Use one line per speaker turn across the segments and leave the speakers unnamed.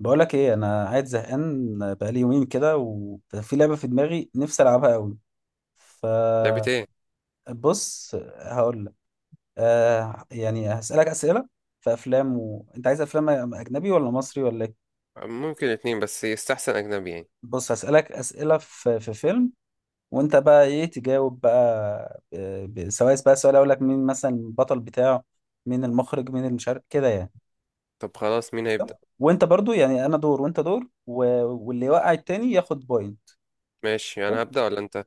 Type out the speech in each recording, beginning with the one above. بقولك ايه، انا قاعد زهقان بقالي يومين كده، وفي لعبه في دماغي نفسي العبها قوي.
لعبة ايه؟
فبص هقول لك. آه، يعني هسالك اسئله في افلام و... انت عايز افلام اجنبي ولا مصري ولا ايه؟
ممكن اتنين، بس يستحسن اجنبي يعني.
بص هسالك اسئله في فيلم، وانت بقى ايه تجاوب بقى. آه، ب... سواء بقى سؤال اقول لك مين مثلا البطل بتاعه، مين المخرج، مين المشارك، كده يعني.
طب خلاص، مين هيبدأ؟
قشطة؟ وانت برضو يعني انا دور وانت دور و... واللي يوقع التاني ياخد بوينت.
ماشي، انا هبدأ ولا انت؟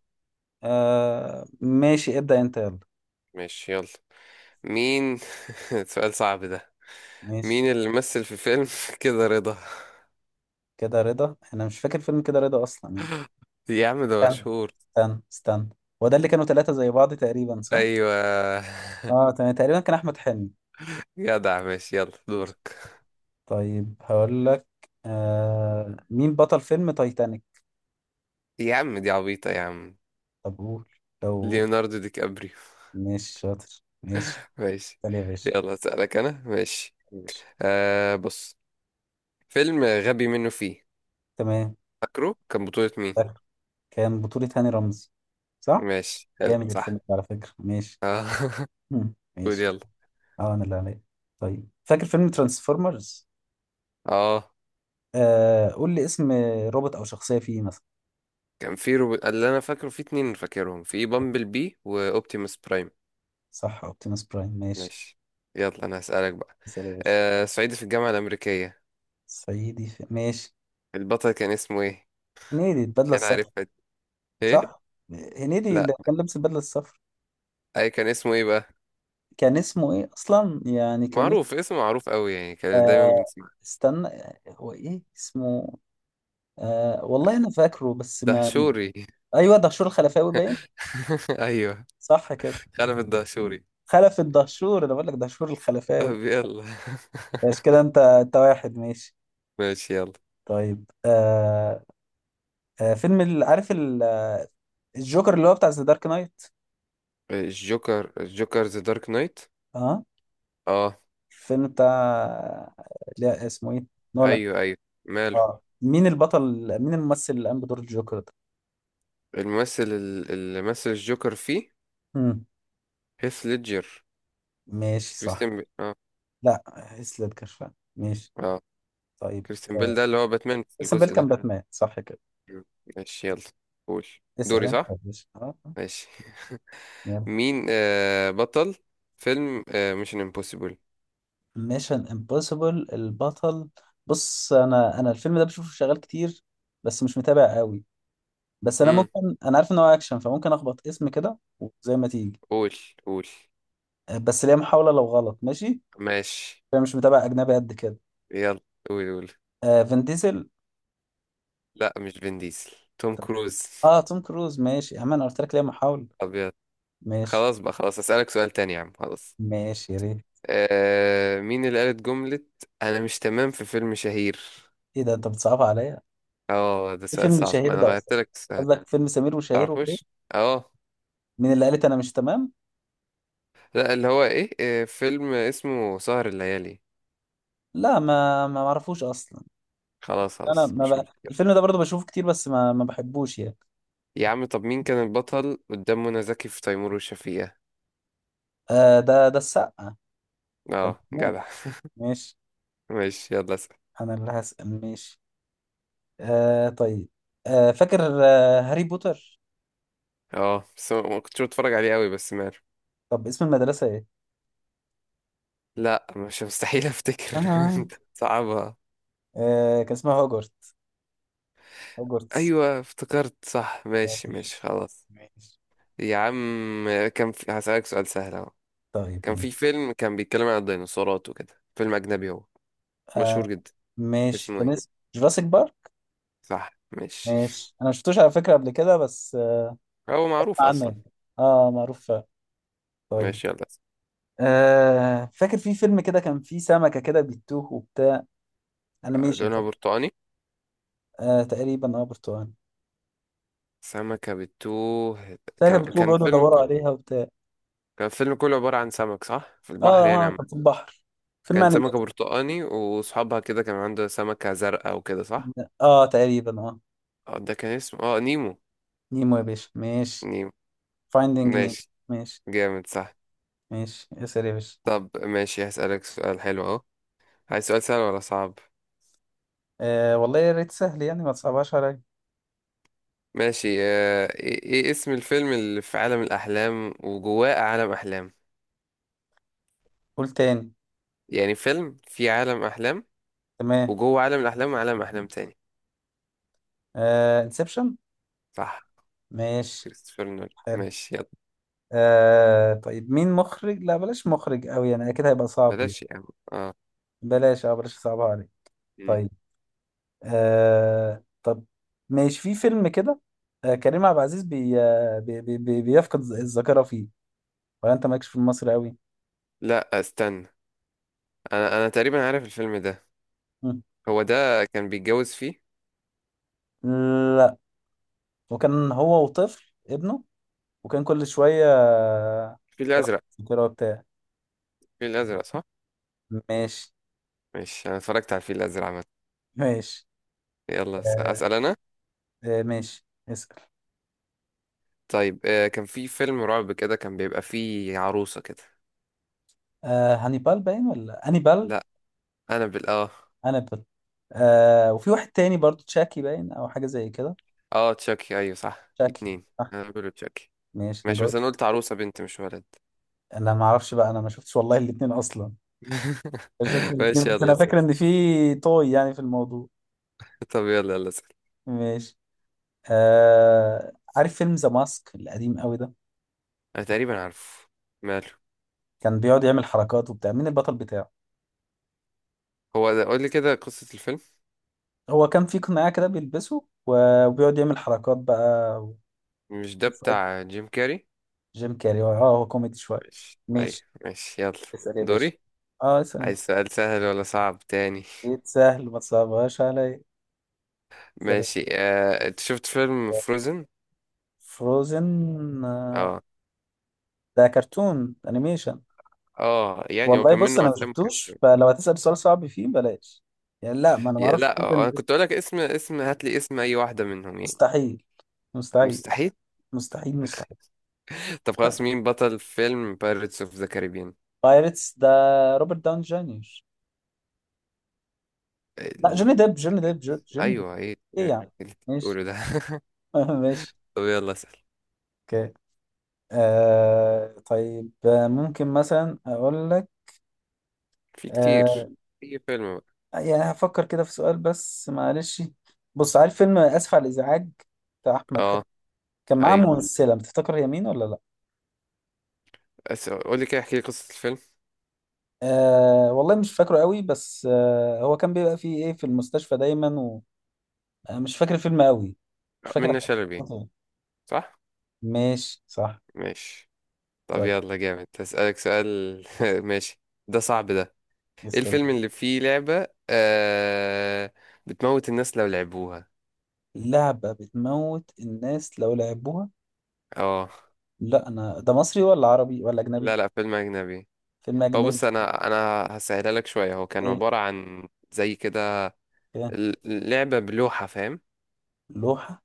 آه ماشي، ابدأ انت، يلا.
ماشي يلا. مين؟ سؤال صعب ده.
ماشي.
مين اللي مثل في فيلم كده رضا؟
كده رضا؟ انا مش فاكر فيلم كده رضا اصلا يعني.
يا عم ده
استنى يلا،
مشهور.
استنى. هو ده اللي كانوا ثلاثة زي بعض تقريبا، صح؟
ايوه.
اه تمام، تقريبا كان احمد حلمي.
جدع، ماشي، يلا
ماشي.
دورك.
طيب هقول لك. آه، مين بطل فيلم تايتانيك؟
يا عم دي عبيطة، يا عم.
طب قول، لو...
ليوناردو دي كابريو.
مش شاطر، ماشي.
ماشي.
تعالى يا باشا.
يلا اسألك انا، ماشي.
تعالى يا باشا.
بص، فيلم غبي منه فيه.
تمام.
فاكره كان بطولة مين؟
فاكر. كان بطولة هاني رمزي، صح؟
ماشي، حلو،
جامد
صح.
الفيلم ده على فكرة، ماشي.
آه.
مم.
قول
ماشي.
يلا.
اه، انا اللي عليا. طيب، فاكر فيلم ترانسفورمرز؟
اه
آه قول لي اسم روبوت او شخصيه فيه مثلا.
اللي انا فاكره في اتنين، فاكرهم في بامبل بي واوبتيموس برايم.
صح، اوبتيموس برايم، ماشي.
ماشي، يلا انا هسألك بقى.
مثال يا باشا.
صعيدي في الجامعة الأمريكية.
صعيدي في... ماشي.
البطل كان اسمه ايه؟
هنيدي، البدله
كان
الصفراء.
عارفها دي. ايه؟
صح، هنيدي اللي
لا،
كان لابس البدله الصفراء.
اي كان اسمه ايه بقى؟
كان اسمه ايه اصلا يعني، كان اسمه...
معروف، اسمه معروف قوي يعني، كان دايما
آه،
بنسمع.
استنى. هو ايه اسمه؟ آه، والله انا فاكره بس ما...
دهشوري.
ايوه، دهشور الخلفاوي باين.
ايوه،
صح كده.
خلف الدهشوري.
خلف الدهشور، انا بقول لك دهشور الخلفاوي.
طب يلا.
ماشي كده، انت واحد، ماشي.
ماشي يلا.
طيب آه، آه، فيلم عارف الجوكر اللي هو بتاع ذا دارك نايت.
الجوكر ذا دارك نايت.
اه.
اه،
الفيلم بتاع... لا اسمه ايه، نولان.
ايوه ايوه، ماله.
اه، مين البطل؟ مين الممثل اللي قام بدور الجوكر ده؟
الممثل اللي مثل الجوكر فيه.
مم.
هيث ليدجر.
ماشي، صح.
كريستيان بيل. اه.
لا، هيث ليدجر فعلا، ماشي.
اه،
طيب
كريستيان بيل
آه.
ده اللي هو باتمان في
اسم بيل
الجزء
كان
ده.
باتمان، صح كده؟
مم. ماشي يلا، قول.
اسأل
دوري،
انت
صح؟
يا باشا. اه، آه.
ماشي.
يلا.
مين بطل فيلم ميشن امبوسيبل؟
ميشن امبوسيبل، البطل. بص انا، الفيلم ده بشوفه شغال كتير بس مش متابع قوي، بس انا
امم
ممكن، انا عارف ان هو اكشن فممكن اخبط اسم كده وزي ما تيجي.
قول قول.
آه، بس ليا محاولة، لو غلط ماشي.
ماشي
انا مش متابع اجنبي قد كده.
يلا، قول قول.
آه، فين ديزل.
لا، مش فين ديزل. توم
طب-
كروز.
اه توم كروز، ماشي يا عم، انا قلت لك ليه محاولة.
ابيض.
ماشي،
خلاص بقى، خلاص، اسالك سؤال تاني يا عم، خلاص.
ماشي يا ريت.
مين اللي قالت جملة ”انا مش تمام“ في فيلم شهير؟
ايه ده، انت بتصعبها عليا.
اه، ده
ايه
سؤال
فيلم
صعب. ما
شهير
انا
ده اصلا؟
غيرت لك السؤال.
قصدك فيلم سمير وشهير وبهير؟
تعرفوش؟ اه.
مين اللي قالت انا مش تمام؟
لا، اللي هو ايه، فيلم اسمه سهر الليالي.
لا، ما ما معرفوش اصلا.
خلاص
انا
خلاص،
ما
مش
بقى...
مشكلة.
الفيلم ده برضه بشوفه كتير بس ما بحبوش يعني.
يا عم، طب مين كان البطل قدام منى زكي في تيمور وشفيقة؟
آه، ده ده السقا. كان
اه،
مو...
جدع.
ماشي.
ماشي، يلا اسأل.
انا اللي هسأل، ماشي. آه طيب، آه فاكر آه هاري بوتر.
اه، بس ما كنتش بتفرج عليه قوي، بس ماله.
طب اسم المدرسة ايه؟
لا، مش مستحيل افتكر.
آه.
صعبة.
آه، كان اسمها هوجورتس. هوجورتس.
ايوه، افتكرت صح، ماشي
ماشي،
ماشي، خلاص.
ماشي.
يا عم، هسألك سؤال سهل اهو.
طيب،
كان في
ماشي.
فيلم كان بيتكلم عن الديناصورات وكده، فيلم اجنبي هو،
آه،
مشهور جدا.
ماشي،
اسمه
كان
ايه؟
اسمه جوراسيك بارك.
صح، ماشي.
ماشي، انا ما شفتوش على فكره قبل كده بس آه،
هو معروف
اسمع عنه
اصلا.
يعني. اه معروف فعلا. طيب.
ماشي يلا.
آه فاكر في فيلم كده كان فيه سمكه كده بيتوه وبتاع، انيميشن
لونها
كده.
برتقاني.
آه تقريبا، اه برتقالي.
سمكة بتوه.
سمكه
كان
بتوه
كان
بيقعدوا يدوروا عليها وبتاع.
كان فيلم كله عبارة عن سمك، صح، في
اه،
البحر يعني
اه
عم.
كان في البحر، فيلم
كان سمكة
انيميشن.
برتقاني وصحابها كده كان عنده سمكة زرقاء وكده، صح؟
اه تقريبا، اه.
اه، ده كان اسمه نيمو.
نيمو يا باشا، ماشي.
نيمو،
فايندينج نيمو.
ماشي.
ماشي،
جامد، صح؟
ماشي. اسال يا باشا.
طب ماشي، هسألك سؤال حلو اهو. عايز سؤال سهل ولا صعب؟
آه والله يا ريت سهل يعني، ما تصعبهاش عليا.
ماشي. إيه اسم الفيلم اللي في عالم الأحلام وجواه عالم أحلام؟
قول تاني.
يعني فيلم في عالم أحلام،
تمام.
وجوه عالم الأحلام، وعالم أحلام تاني.
آه، انسبشن.
صح،
ماشي،
كريستوفر نولان.
حلو.
ماشي يلا.
آه طيب، مين مخرج، لا بلاش مخرج قوي يعني، اكيد هيبقى صعب يعني.
بلاش يا عم. اه.
بلاش، اه بلاش صعبها عليك.
مم.
طيب. آه طب، ماشي، في فيلم كده، آه، كريم عبد العزيز بي آه، بي بي بي بيفقد الذاكرة فيه، ولا انت مالكش في المصري قوي؟
لا استنى، انا تقريبا عارف الفيلم ده.
مم.
هو ده كان بيتجوز فيه؟
لا، وكان هو وطفل ابنه، وكان كل شوية آه،
الفيل
يفقد
الازرق.
الذاكرة بتاعه.
الفيل الازرق، صح.
ماشي.
ماشي. انا اتفرجت على الفيل الازرق عامه.
ماشي
يلا
آه،
اسال انا.
آه ماشي اسأل.
طيب، كان في فيلم رعب كده كان بيبقى فيه عروسه كده.
آه، هانيبال باين، ولا هانيبال.
لا، انا بال، اه.
هانيبال. آه، وفي واحد تاني برضو تشاكي باين، او حاجه زي كده.
اه، تشاكي، ايوه صح،
تشاكي،
اتنين.
صح.
انا بقوله تشاكي.
ماشي، انا
ماشي، بس
جاوبت.
انا قلت عروسه بنت مش ولد.
انا ما اعرفش بقى، انا ما شفتش والله الاثنين اصلا. ما شفتش الاثنين،
ماشي،
بس
يلا
انا
اسأل.
فاكر ان في طوي يعني في الموضوع.
طب يلا يلا اسال.
ماشي. آه عارف فيلم ذا ماسك القديم قوي ده؟
انا تقريبا عارفه، ماله.
كان بيقعد يعمل حركات وبتاع، مين البطل بتاعه؟
هو ده، قول لي كده قصه الفيلم.
هو كان في قناع كده بيلبسه وبيقعد يعمل حركات بقى
مش ده
وشوية.
بتاع جيم كاري؟
جيم كاري، اه هو كوميدي شويه.
ماشي، ايوه.
ماشي.
ماشي يلا،
اسال يا باشا.
دوري.
اه، اسال
عايز
انت.
سؤال سهل ولا صعب تاني؟
اكيد سهل، ما تصعبهاش علي، سليم.
ماشي. انت شفت فيلم فروزن؟
فروزن، آه.
اه.
ده كرتون انيميشن.
اه، يعني هو
والله
كان منه
بص، انا ما
افلام كرتون.
شفتوش، فلو هتسأل سؤال صعب فيه بلاش يعني، لا، ما انا ما اعرفش
لا،
فروزن.
انا كنت اقول لك اسم. هات لي اسم اي واحده منهم يعني.
مستحيل، مستحيل.
مستحيل.
مستحيل، مستحيل.
طب خلاص، مين بطل فيلم بايرتس اوف ذا كاريبيان؟
بايرتس ده، روبرت داون جونيور. لا،
ال...
جوني ديب.
ايوه، ايه
ايه
إيه
يعني.
اللي
ماشي.
بتقوله ده؟
ماشي.
طب يلا اسال.
اوكي. آه طيب، آه ممكن مثلا اقول لك،
في
آه،
كتير. في فيلم بقى.
يعني هفكر كده في سؤال بس معلش. بص عارف فيلم آسف على الإزعاج بتاع أحمد
اه،
حلمي؟ كان معاه
ايوه.
ممثلة، بتفتكر هي مين ولا لأ؟
قول لي كده، احكي لي قصه الفيلم.
آه، والله مش فاكره قوي بس آه، هو كان بيبقى فيه إيه، في المستشفى دايما، ومش فاكر الفيلم قوي، مش
منة
فاكر.
شلبي، صح؟
ماشي، صح.
ماشي. طب
طيب.
يلا جامد، هسألك سؤال.
يس-
ماشي. ده صعب ده. ايه
يستر.
الفيلم اللي فيه لعبة بتموت الناس لو لعبوها؟
لعبة بتموت الناس لو لعبوها؟
اه.
لا، أنا ده مصري ولا عربي ولا أجنبي؟
لا لا، فيلم أجنبي.
فيلم
هو
أجنبي.
بص، أنا هسهلها لك شوية. هو كان
إيه؟
عبارة عن زي كده.
إيه؟
ال- لعبة بلوحة، فاهم؟
لوحة؟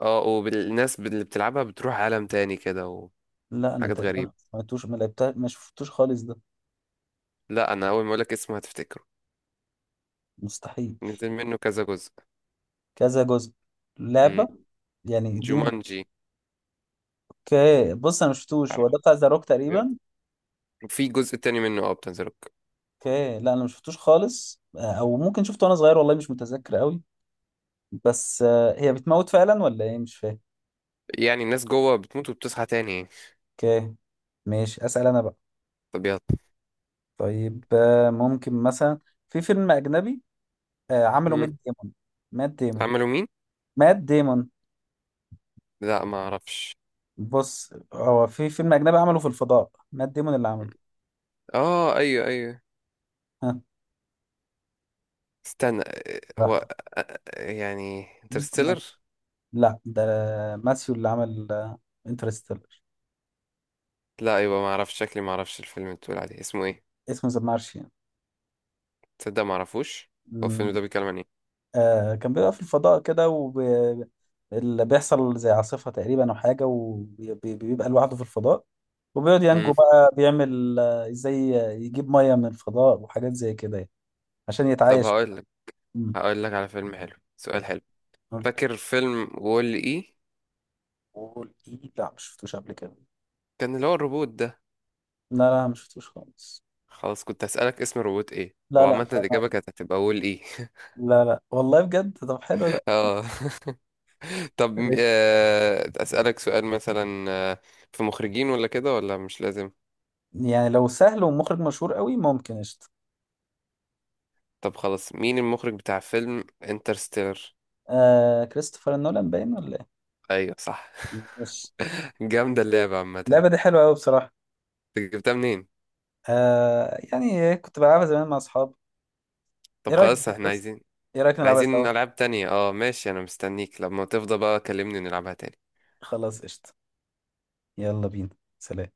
اه، والناس اللي بتلعبها بتروح عالم تاني كده،
لا، أنا
وحاجات
تقريبا
غريبة.
ما سمعتوش ما لعبتها ما شفتوش خالص ده.
لا، أنا أول ما أقولك اسمه هتفتكره.
مستحيل.
نزل منه كذا جزء.
كذا جزء؟
مم.
لعبة يعني، اديني.
جومانجي.
اوكي بص، انا مشفتوش، هو
عارف؟
ده بتاع ذا روك
بجد؟
تقريبا؟
وفي جزء تاني منه، اه، بتنزله.
اوكي، لا انا مشفتوش خالص، او ممكن شفته وانا صغير والله مش متذكر قوي. بس آه، هي بتموت فعلا ولا ايه، مش فاهم.
يعني الناس جوه بتموت وبتصحى تاني يعني.
اوكي. ماشي، اسال انا بقى.
طبيعة.
طيب آه، ممكن مثلا، في فيلم اجنبي آه، عمله مات
امم
ديمون. مات ديمون.
عملوا مين؟
مات ديمون.
لا، ما اعرفش.
بص، هو في فيلم اجنبي عمله في الفضاء مات ديمون اللي عمله.
اه، ايوه ايوه،
ها؟
استنى. هو يعني انترستيلر.
براحتك. لا ده ماثيو اللي عمل انترستيلر.
لا، ايوه، ما اعرفش. شكلي ما اعرفش الفيلم اللي بتقول عليه اسمه ايه.
اسمه ذا مارشيان.
تصدق؟ ما اعرفوش. هو الفيلم
مم.
ده بيتكلم عن ايه؟
آه، كان بيبقى في الفضاء كده اللي بيحصل زي عاصفة تقريبا أو حاجة، وبيبقى لوحده في الفضاء، وبيقعد ينجو
امم
بقى، بيعمل آه، ازاي يجيب مية من الفضاء وحاجات زي كده يعني، عشان
طب
يتعايش.
هقول لك.
مم.
هقول لك على فيلم حلو، سؤال حلو.
قول لي.
فاكر فيلم وول اي؟
قول ايه، لا مش شفتوش قبل كده.
كان اللي هو الروبوت ده.
لا لا، مش شفتوش خالص.
خلاص، كنت هسألك اسم الروبوت ايه،
لا لا.
وعامة الإجابة كانت هتبقى وول اي.
لا لا والله بجد، طب حلو ده.
اه. طب،
ليش؟
أسألك سؤال مثلا، في مخرجين ولا كده، ولا مش لازم؟
يعني لو سهل ومخرج مشهور قوي ممكن، قشطة.
طب خلاص، مين المخرج بتاع فيلم انترستيلر؟
آه، كريستوفر نولان باين، ولا؟
ايوه، صح.
ايه، ماشي.
جامدة اللعبة عامة.
اللعبة
أنت
دي حلوة أوي بصراحة.
جبتها منين؟
آه، يعني كنت بلعبها زمان مع أصحابي. إيه
طب
رأيك،
خلاص، احنا
بص،
عايزين.
إيه رأيك
احنا
نلعبها سوا؟
عايزين ألعاب تانية. اه، ماشي، انا مستنيك لما تفضى بقى، كلمني نلعبها تاني.
خلاص قشطة. يلا بينا. سلام.